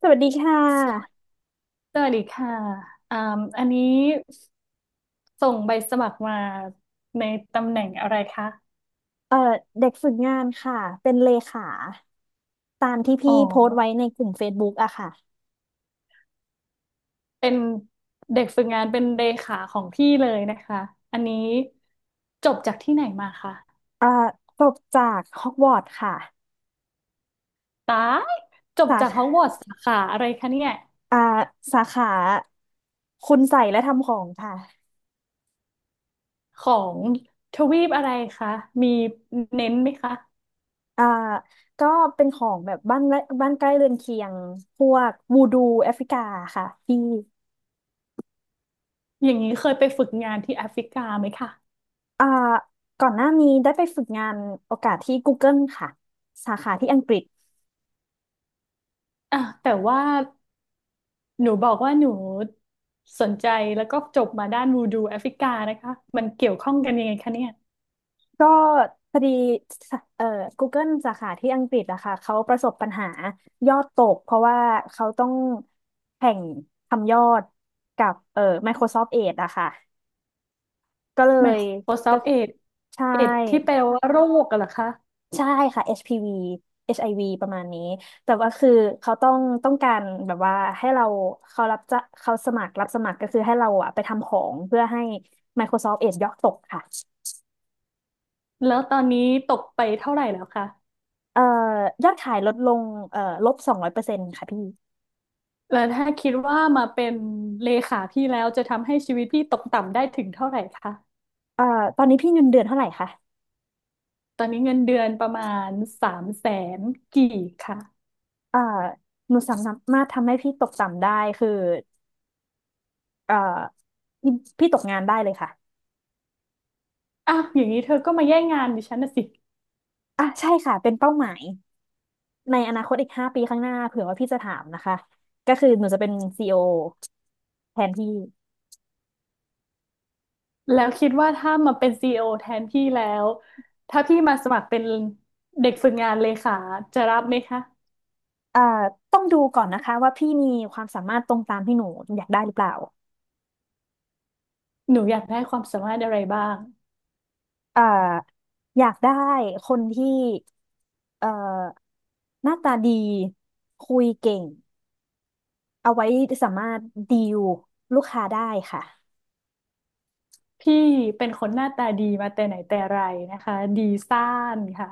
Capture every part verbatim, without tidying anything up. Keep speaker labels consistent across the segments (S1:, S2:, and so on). S1: สวัสดีค่ะ
S2: สวัสดีค่ะอ่าอันนี้ส่งใบสมัครมาในตำแหน่งอะไรคะ
S1: เอ่อเด็กฝึกงานค่ะ เป็นเลขาตามที่
S2: อ๋
S1: พี่
S2: อ
S1: โพสต์ไว้ในกลุ่ม Facebook อะค่ะ
S2: เป็นเด็กฝึกงานเป็นเลขาของพี่เลยนะคะอันนี้จบจากที่ไหนมาคะ
S1: เอ่อจบจากฮอกวอตส์ค่ะ
S2: ตายจบ
S1: สา
S2: จากฮอกว
S1: ขา
S2: อตส์สาขาอะไรคะเนี่ย
S1: อ่าสาขาคุณใส่และทำของค่ะ
S2: ของทวีปอะไรคะมีเน้นไหมคะ
S1: อ่าก็เป็นของแบบบ้านและบ้านใกล้เรือนเคียง พวกวูดูแอฟริกาค่ะพี่
S2: อย่างนี้เคยไปฝึกงานที่แอฟริกาไหมคะ
S1: อ่าก่อนหน้านี้ได้ไปฝึกงานโอกาสที่ Google ค่ะ สาขาที่อังกฤษ
S2: อ่ะแต่ว่า หนูบอกว่าหนูสนใจแล้วก็จบมาด้านวูดูแอฟริกานะคะมันเกี่ยวข้องกันยังไงคะเนี่ย
S1: ก็พอดีเอ่อ Google สาขาที่อังกฤษอะค่ะเขาประสบปัญหายอดตกเพราะว่าเขาต้องแข่งทำยอดกับเอ่อ Microsoft Edge อะค่ะก็เลยก็
S2: Microsoft เอด
S1: ใช่
S2: เอดที่แปลว่าโรคกันเหรอคะ
S1: ใช่ค่ะ เอช พี วี เอช ไอ วี ประมาณนี้แต่ว่าคือเขาต้องต้องการแบบว่าให้เราเขารับจะเขาสมัครรับสมัครก็คือให้เราอะไปทำของเพื่อให้ Microsoft Edge ยอดตกค่ะ
S2: แล้วตอนนี้ตกไปเท่าไหร่แล้วคะ
S1: เอ่อยอดขายลดลงเอ่อลบสองร้อยเปอร์เซ็นต์ค่ะพี่
S2: แล้วถ้าคิดว่ามาเป็นเลขาพี่แล้วจะทำให้ชีวิตพี่ตกต่ำได้ถึงเท่าไหร่คะ
S1: เอ่อตอนนี้พี่เงินเดือนเท่าไหร่คะ
S2: ตอนนี้เงินเดือนประมาณสามแสนกี่คะ
S1: เอ่อหนูสามารถทำให้พี่ตกต่ำได้คือเอ่อพี่พี่ตกงานได้เลยค่ะ
S2: อ้าวอย่างนี้เธอก็มาแย่งงานดิฉันนะสิ
S1: อ่ะใช่ค่ะเป็นเป้าหมายในอนาคตอีกห้าปีข้างหน้าเผื่อว่าพี่จะถามนะคะก็คือหนูจะเป็นซีอีโอแทนพี่
S2: แล้วคิดว่าถ้ามาเป็นซีอีโอแทนพี่แล้วถ้าพี่มาสมัครเป็นเด็กฝึกงานเลขาจะรับไหมคะ
S1: เอ่อต้องดูก่อนนะคะว่าพี่มีความสามารถตรงตามที่หนูอยากได้หรือเปล่า
S2: หนูอยากได้ความสามารถอะไรบ้าง
S1: เอ่ออยากได้คนที่เอ่อหน้าตาดีคุยเก่ง เอาไว้สามารถดีลลูกค้าได้ค่ะ
S2: พี่เป็นคนหน้าตาดีมาแต่ไหนแต่ไรนะคะดีซ่านค่ะ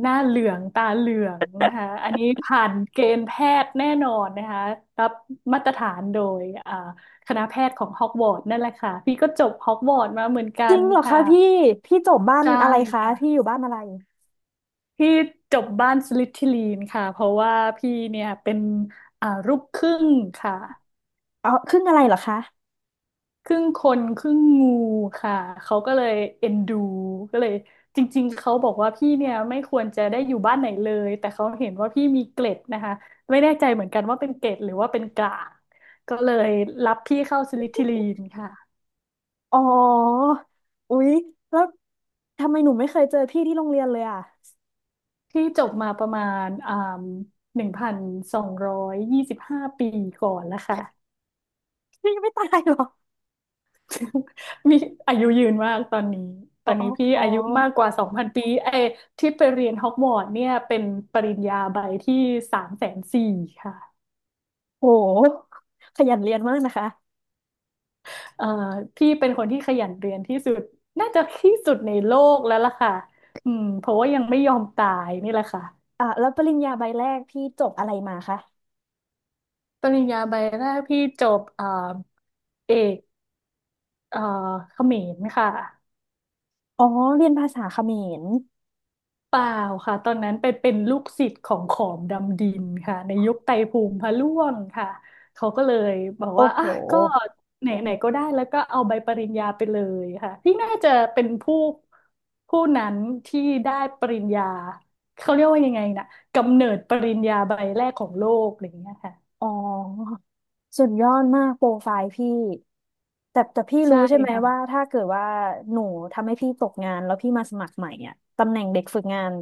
S2: หน้าเหลืองตาเหลืองนะคะอันนี้ผ่านเกณฑ์แพทย์แน่นอนนะคะรับมาตรฐานโดยอ่าคณะแพทย์ของฮอกวอตส์นั่นแหละค่ะพี่ก็จบฮอกวอตส์มาเหมือนกั
S1: จริ
S2: น
S1: งเหรอ
S2: ค่ะ
S1: คะพี่พี่จบบ้าน
S2: ใช่
S1: อะไรคะพี่
S2: ค่ะ
S1: อยู่บ้านอะไร
S2: พี่จบบ้านสลิธีรินค่ะเพราะว่าพี่เนี่ยเป็นอ่าลูกครึ่งค่ะ
S1: อ๋อครึ่งอะไรเหรอคะ
S2: ครึ่งคนครึ่งงูค่ะเขาก็เลยเอ็นดูก็เลยจริงๆเขาบอกว่าพี่เนี่ยไม่ควรจะได้อยู่บ้านไหนเลยแต่เขาเห็นว่าพี่มีเกล็ดนะคะไม่แน่ใจเหมือนกันว่าเป็นเกล็ดหรือว่าเป็นกลางก็เลยรับพี่เข้าสลิธีรินค่ะ
S1: อ๋ออุ๊ยแล้วทำไมหนูไม่เคยเจอพี่ที่โรงเรียนเลยอ่ะ
S2: พี่จบมาประมาณอ่าหนึ่งพันสองร้อยยี่สิบห้าปีก่อนแล้วค่ะ
S1: พี่ไม่ตายเหรอ
S2: มีอายุยืนมากตอนนี้ต
S1: อ๋
S2: อ
S1: อ
S2: น
S1: อ๋
S2: นี้
S1: อ
S2: พี่
S1: อ๋อ
S2: อายุมากกว่าสองพันปีไอ้ที่ไปเรียนฮอกวอตส์เนี่ยเป็นปริญญาใบที่สามแสนสี่ค่ะ
S1: โหขยันเรียนมากนะคะ
S2: เอ่อพี่เป็นคนที่ขยันเรียนที่สุดน่าจะที่สุดในโลกแล้วล่ะค่ะอืมเพราะว่ายังไม่ยอมตายนี่แหละค่ะ
S1: อ่ะแล้วปริญญาใบแรกพี่จบอะไรมาคะ
S2: ปริญญาใบแรกพี่จบเอ่อเอกเอ่อเขมรค่ะ
S1: อ๋อเรียนภาษาเขมร
S2: เปล่าค่ะตอนนั้นไปเป็นลูกศิษย์ของขอมดำดินค่ะในยุคไตรภูมิพระร่วงค่ะเขาก็เลยบอก
S1: โอ้
S2: ว่า
S1: โห
S2: อ่ะก็ไหนไหนก็ได้แล้วก็เอาใบปริญญาไปเลยค่ะที่น่าจะเป็นผู้ผู้นั้นที่ได้ปริญญาเขาเรียกว่ายังไงนะกำเนิดปริญญาใบแรกของโลกอะไรอย่างเงี้ยค่ะ
S1: อ๋อสุดยอดมากโปรไฟล์พี่แต่แต่พี่
S2: ใช่
S1: รู้ใช่ไหม
S2: ค่ะ
S1: ว่าถ้าเกิดว่าหนูทำให้พี่ตกงานแล้วพี่มาสมัครใหม่อ่ะตำแหน่งเด็กฝึกงาน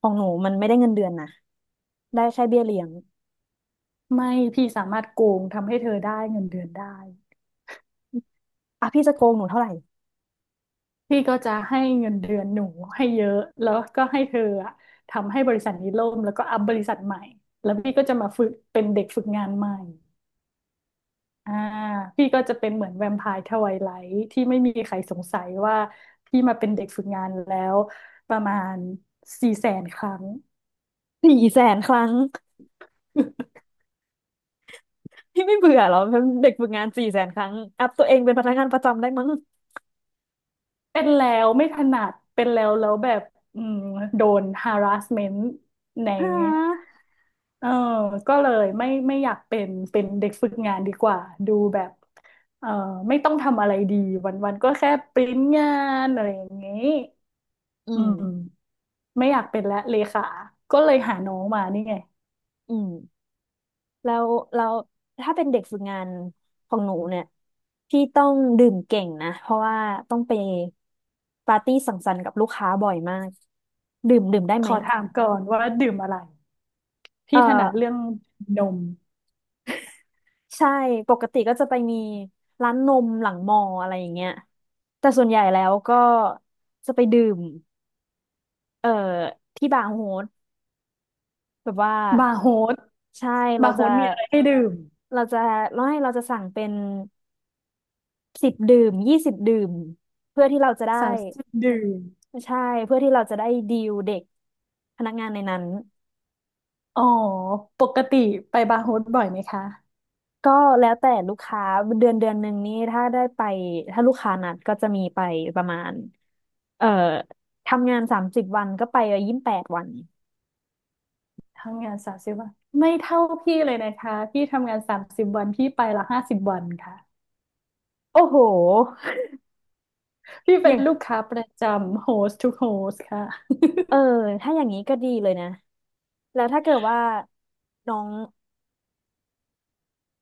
S1: ของหนูมันไม่ได้เงินเดือนนะได้แค่เบี้ยเลี้ยง
S2: ไม่พี่สามารถโกงทำให้เธอได้เงินเดือนได้
S1: อ่ะพี่จะโกงหนูเท่าไหร่
S2: พี่ก็จะให้เงินเดือนหนูให้เยอะแล้วก็ให้เธออะทำให้บริษัทนี้ล่มแล้วก็อัพบริษัทใหม่แล้วพี่ก็จะมาฝึกเป็นเด็กฝึกงานใหม่อ่าพี่ก็จะเป็นเหมือนแวมไพร์ทไวไลท์ที่ไม่มีใครสงสัยว่าพี่มาเป็นเด็กฝึกงานแล้วประมาณสี่แสนครั้ง
S1: สี่แสนครั้ง พี่ไม่เบื่อเหรอเป็นเด็กฝึกงานสี่แสนครั้งอัพตัวเองเป็นพนักงานประจำได้มั้ง
S2: เป็นแล้วไม่ถนัดเป็นแล้วแล้วแบบอืมโดน harassment ใน
S1: ฮะ
S2: เออก็เลยไม่ไม่อยากเป็นเป็นเด็กฝึกงานดีกว่าดูแบบเออไม่ต้องทำอะไรดีวันวันก็แค่ปริ้นงานอะไรอย่างงี้
S1: อื
S2: อื
S1: ม
S2: มไม่อยากเป็นและเลขาก็เลยหาน้องมานี่ไง
S1: อืม แล้วเราถ้าเป็นเด็กฝึกงานของหนูเนี่ย พี่ต้องดื่มเก่งนะ เพราะว่าต้องไปปาร์ตี้สังสรรค์กับลูกค้าบ่อยมาก ดื่มดื่มได้
S2: ข
S1: ไหม
S2: อถามก่อนว่าดื่มอะไร
S1: เ
S2: พี่ถนัด
S1: ออ
S2: เรื่องนม
S1: ใช่ ปกติก็จะไปมีร้านนมหลังมออะไรอย่างเงี้ยแต่ส่วนใหญ่แล้วก็จะไปดื่ม เอ่อ ที่บาร์โฮสแบบว่า
S2: บาร์โฮส
S1: ใช่เรา
S2: บาร์โฮ
S1: จะ
S2: สมีอะไรให้ดื่ม
S1: เราจะไม่เราจะสั่งเป็นสิบดื่มยี่สิบดื่มเพื่อที่เราจะได้
S2: สามสิบดื่ม
S1: ใช่เพื่อที่เราจะได้ดีลเด็กพนักงานในนั้น
S2: อ๋อปกติไปบาร์โฮสบ่อยไหมคะ
S1: ก็แล้วแต่ลูกค้าเดือนเดือนหนึ่งนี่ถ้าได้ไปถ้าลูกค้านัดก็จะมีไปประมาณเอ่อทำงานสามสิบวันก็ไปยี่สิบแปดวัน
S2: ทำงานสามสิบวันไม่เท่าพี่เลยนะคะพี่ทำงานสามสิบวันพี่ไปละห้าสิบวันค่ะ
S1: โอ้โห
S2: พี่
S1: อ
S2: เป็น
S1: ย่าง
S2: ลูกค้าประจำ host to host ค่ะ
S1: เออถ้าอย่างนี้ก็ดีเลยนะแล้วถ้าเกิดว่าน้อง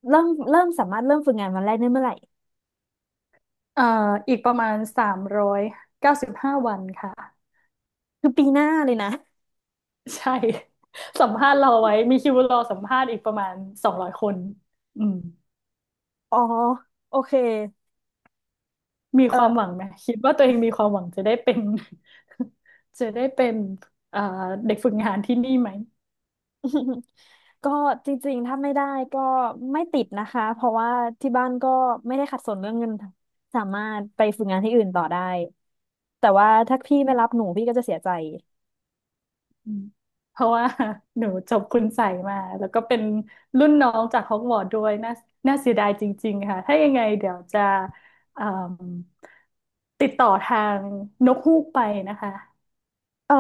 S1: เริ่มเริ่มสามารถเริ่มฝึกงานวันแรกได้เมื่อไหร่
S2: เอ่ออีกประมาณสามร้อยเก้าสิบห้าวันค่ะ
S1: คือปีหน้าเลยนะ
S2: ใช่ สัมภาษณ์รอไว้มีคิวรอสัมภาษณ์อีกประมาณสองร้อยคนอืม
S1: อ๋อโอเค
S2: มี
S1: เออ
S2: ความหวังไหมคิดว่าตัวเองมีความหวังจะได้เป็น จะได้เป็นเอ่อเด็กฝึกงานที่นี่ไหม
S1: ก็จริงๆถ้าไม่ได้ก็ไม่ติดนะคะเพราะว่าที่บ้านก็ไม่ได้ขัดสนเรื่องเงินสามารถไปฝึกงานที่อื่นต่อได้แต่ว่าถ้าพี่ไม่รับหนูพี่ก็จะเสียใจ
S2: อืมเพราะว่า หนูจบคุณใส่มาแล้วก็เป็นรุ่นน้องจากฮอกวอตส์ด้วยน่าน่าเสียดายจริงๆค่ะถ้ายังไงเดี๋ยวจะเอิ่มติดต่อทางนกฮูกไปนะคะ
S1: เออ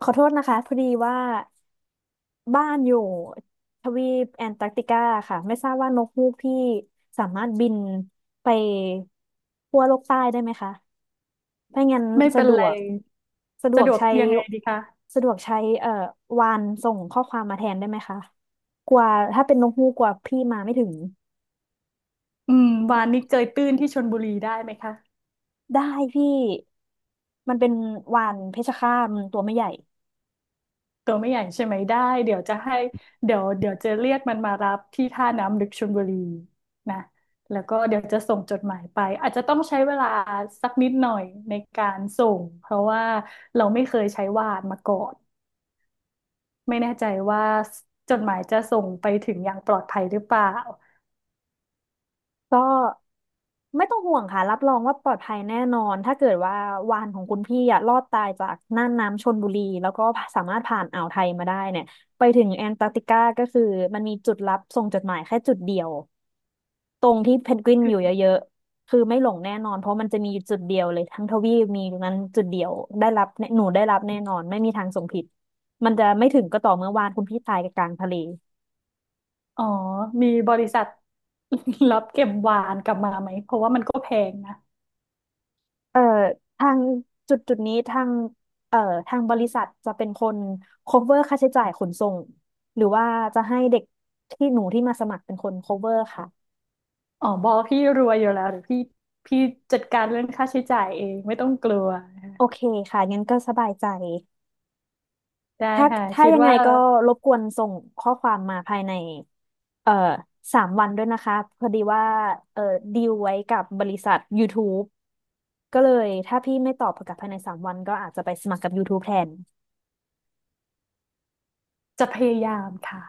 S1: ขอโทษนะคะพอดีว่าบ้านอยู่ทวีปแอนตาร์กติกาค่ะไม่ทราบว่านกฮูกพี่สามารถบินไปขั้วโลกใต้ได้ไหมคะ ถ้างั้น
S2: ไม่
S1: สะ
S2: เป็น
S1: ด
S2: ไร
S1: วกสะดว
S2: สะ
S1: ก
S2: ดวก
S1: ใช้
S2: ยังไงดีคะ
S1: สะดวกใช้เอ่อวานส่งข้อความมาแทนได้ไหมคะกลัว่าถ้าเป็นนกฮูกกลัว่าพี่มาไม่ถึง
S2: อืมวานนี้เจยตื้นที่ชลบุรีได้ไหมคะ
S1: ได้พี่มันเป็นวานเพชรฆาตมันตัวไม่ใหญ่
S2: ตัวไม่ใหญ่ใช่ไหมได้เดี๋ยวจะให้เดี๋ยวเดี๋ยวจะเรียกมันมารับที่ท่าน้ำลึกชลบุรีนะแล้วก็เดี๋ยวจะส่งจดหมายไปอาจจะต้องใช้เวลาสักนิดหน่อยในการส่งเพราะว่าเราไม่เคยใช้วาดมาก่อนไม่แน่ใจว่าจดหมายจะส่งไปถึงอย่างปลอดภัยหรือเปล่า
S1: ก็ไม่ต้องห่วงค่ะรับรองว่าปลอดภัยแน่นอนถ้าเกิดว่าวานของคุณพี่อะรอดตายจากน่านน้ำชลบุรีแล้วก็สามารถผ่านอ่าวไทยมาได้เนี่ยไปถึงแอนตาร์กติกาก็คือมันมีจุดรับส่งจดหมายแค่จุดเดียว ตรงที่เพนกวินอยู่เยอะๆคือไม่หลงแน่นอนเพราะมันจะมีอยู่จุดเดียวเลยทั้งทวีปมีตรงนั้นจุดเดียวได้รับแน่หนูได้รับแน่นอนไม่มีทางส่งผิดมันจะไม่ถึงก็ต่อเมื่อวานคุณพี่ตายกลางทะเล
S2: อ๋อมีบริษัท รับเก็บวานกลับมาไหมเพราะว่ามันก็แพงนะ
S1: เอ่อทางจุดจุดนี้ทางเอ่อทางบริษัทจะเป็นคน cover ค่าใช้จ่ายขนส่งหรือว่าจะให้เด็กที่หนูที่มาสมัครเป็นคน cover ค่ะ
S2: อ๋อบอพี่รวยอยู่แล้วหรือพี่พี่จัดการเรื่องค่าใช้จ่ายเองไม่ต้องกลัว
S1: โอเคค่ะงั้นก็สบายใจ
S2: ได้
S1: ถ้า
S2: ค่ะ
S1: ถ้า
S2: คิด
S1: ยังไง
S2: ว่า
S1: ก็รบกวนส่งข้อความมาภายในเอ่อสามวันด้วยนะคะพอดีว่าเอ่อดีลไว้กับบริษัท YouTube ก็เลยถ้าพี่ไม่ตอบกลับภายในสามวันก็อาจจะไปสมัครกับ YouTube แทน
S2: จะพยายามค่ะ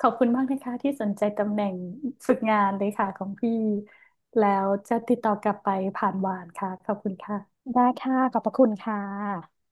S2: ขอบคุณมากนะคะที่สนใจตำแหน่งฝึกงานเลยค่ะของพี่แล้วจะติดต่อกลับไปผ่านวานค่ะขอบคุณค่ะ
S1: ได้ค่ะขอบพระคุณค่ะ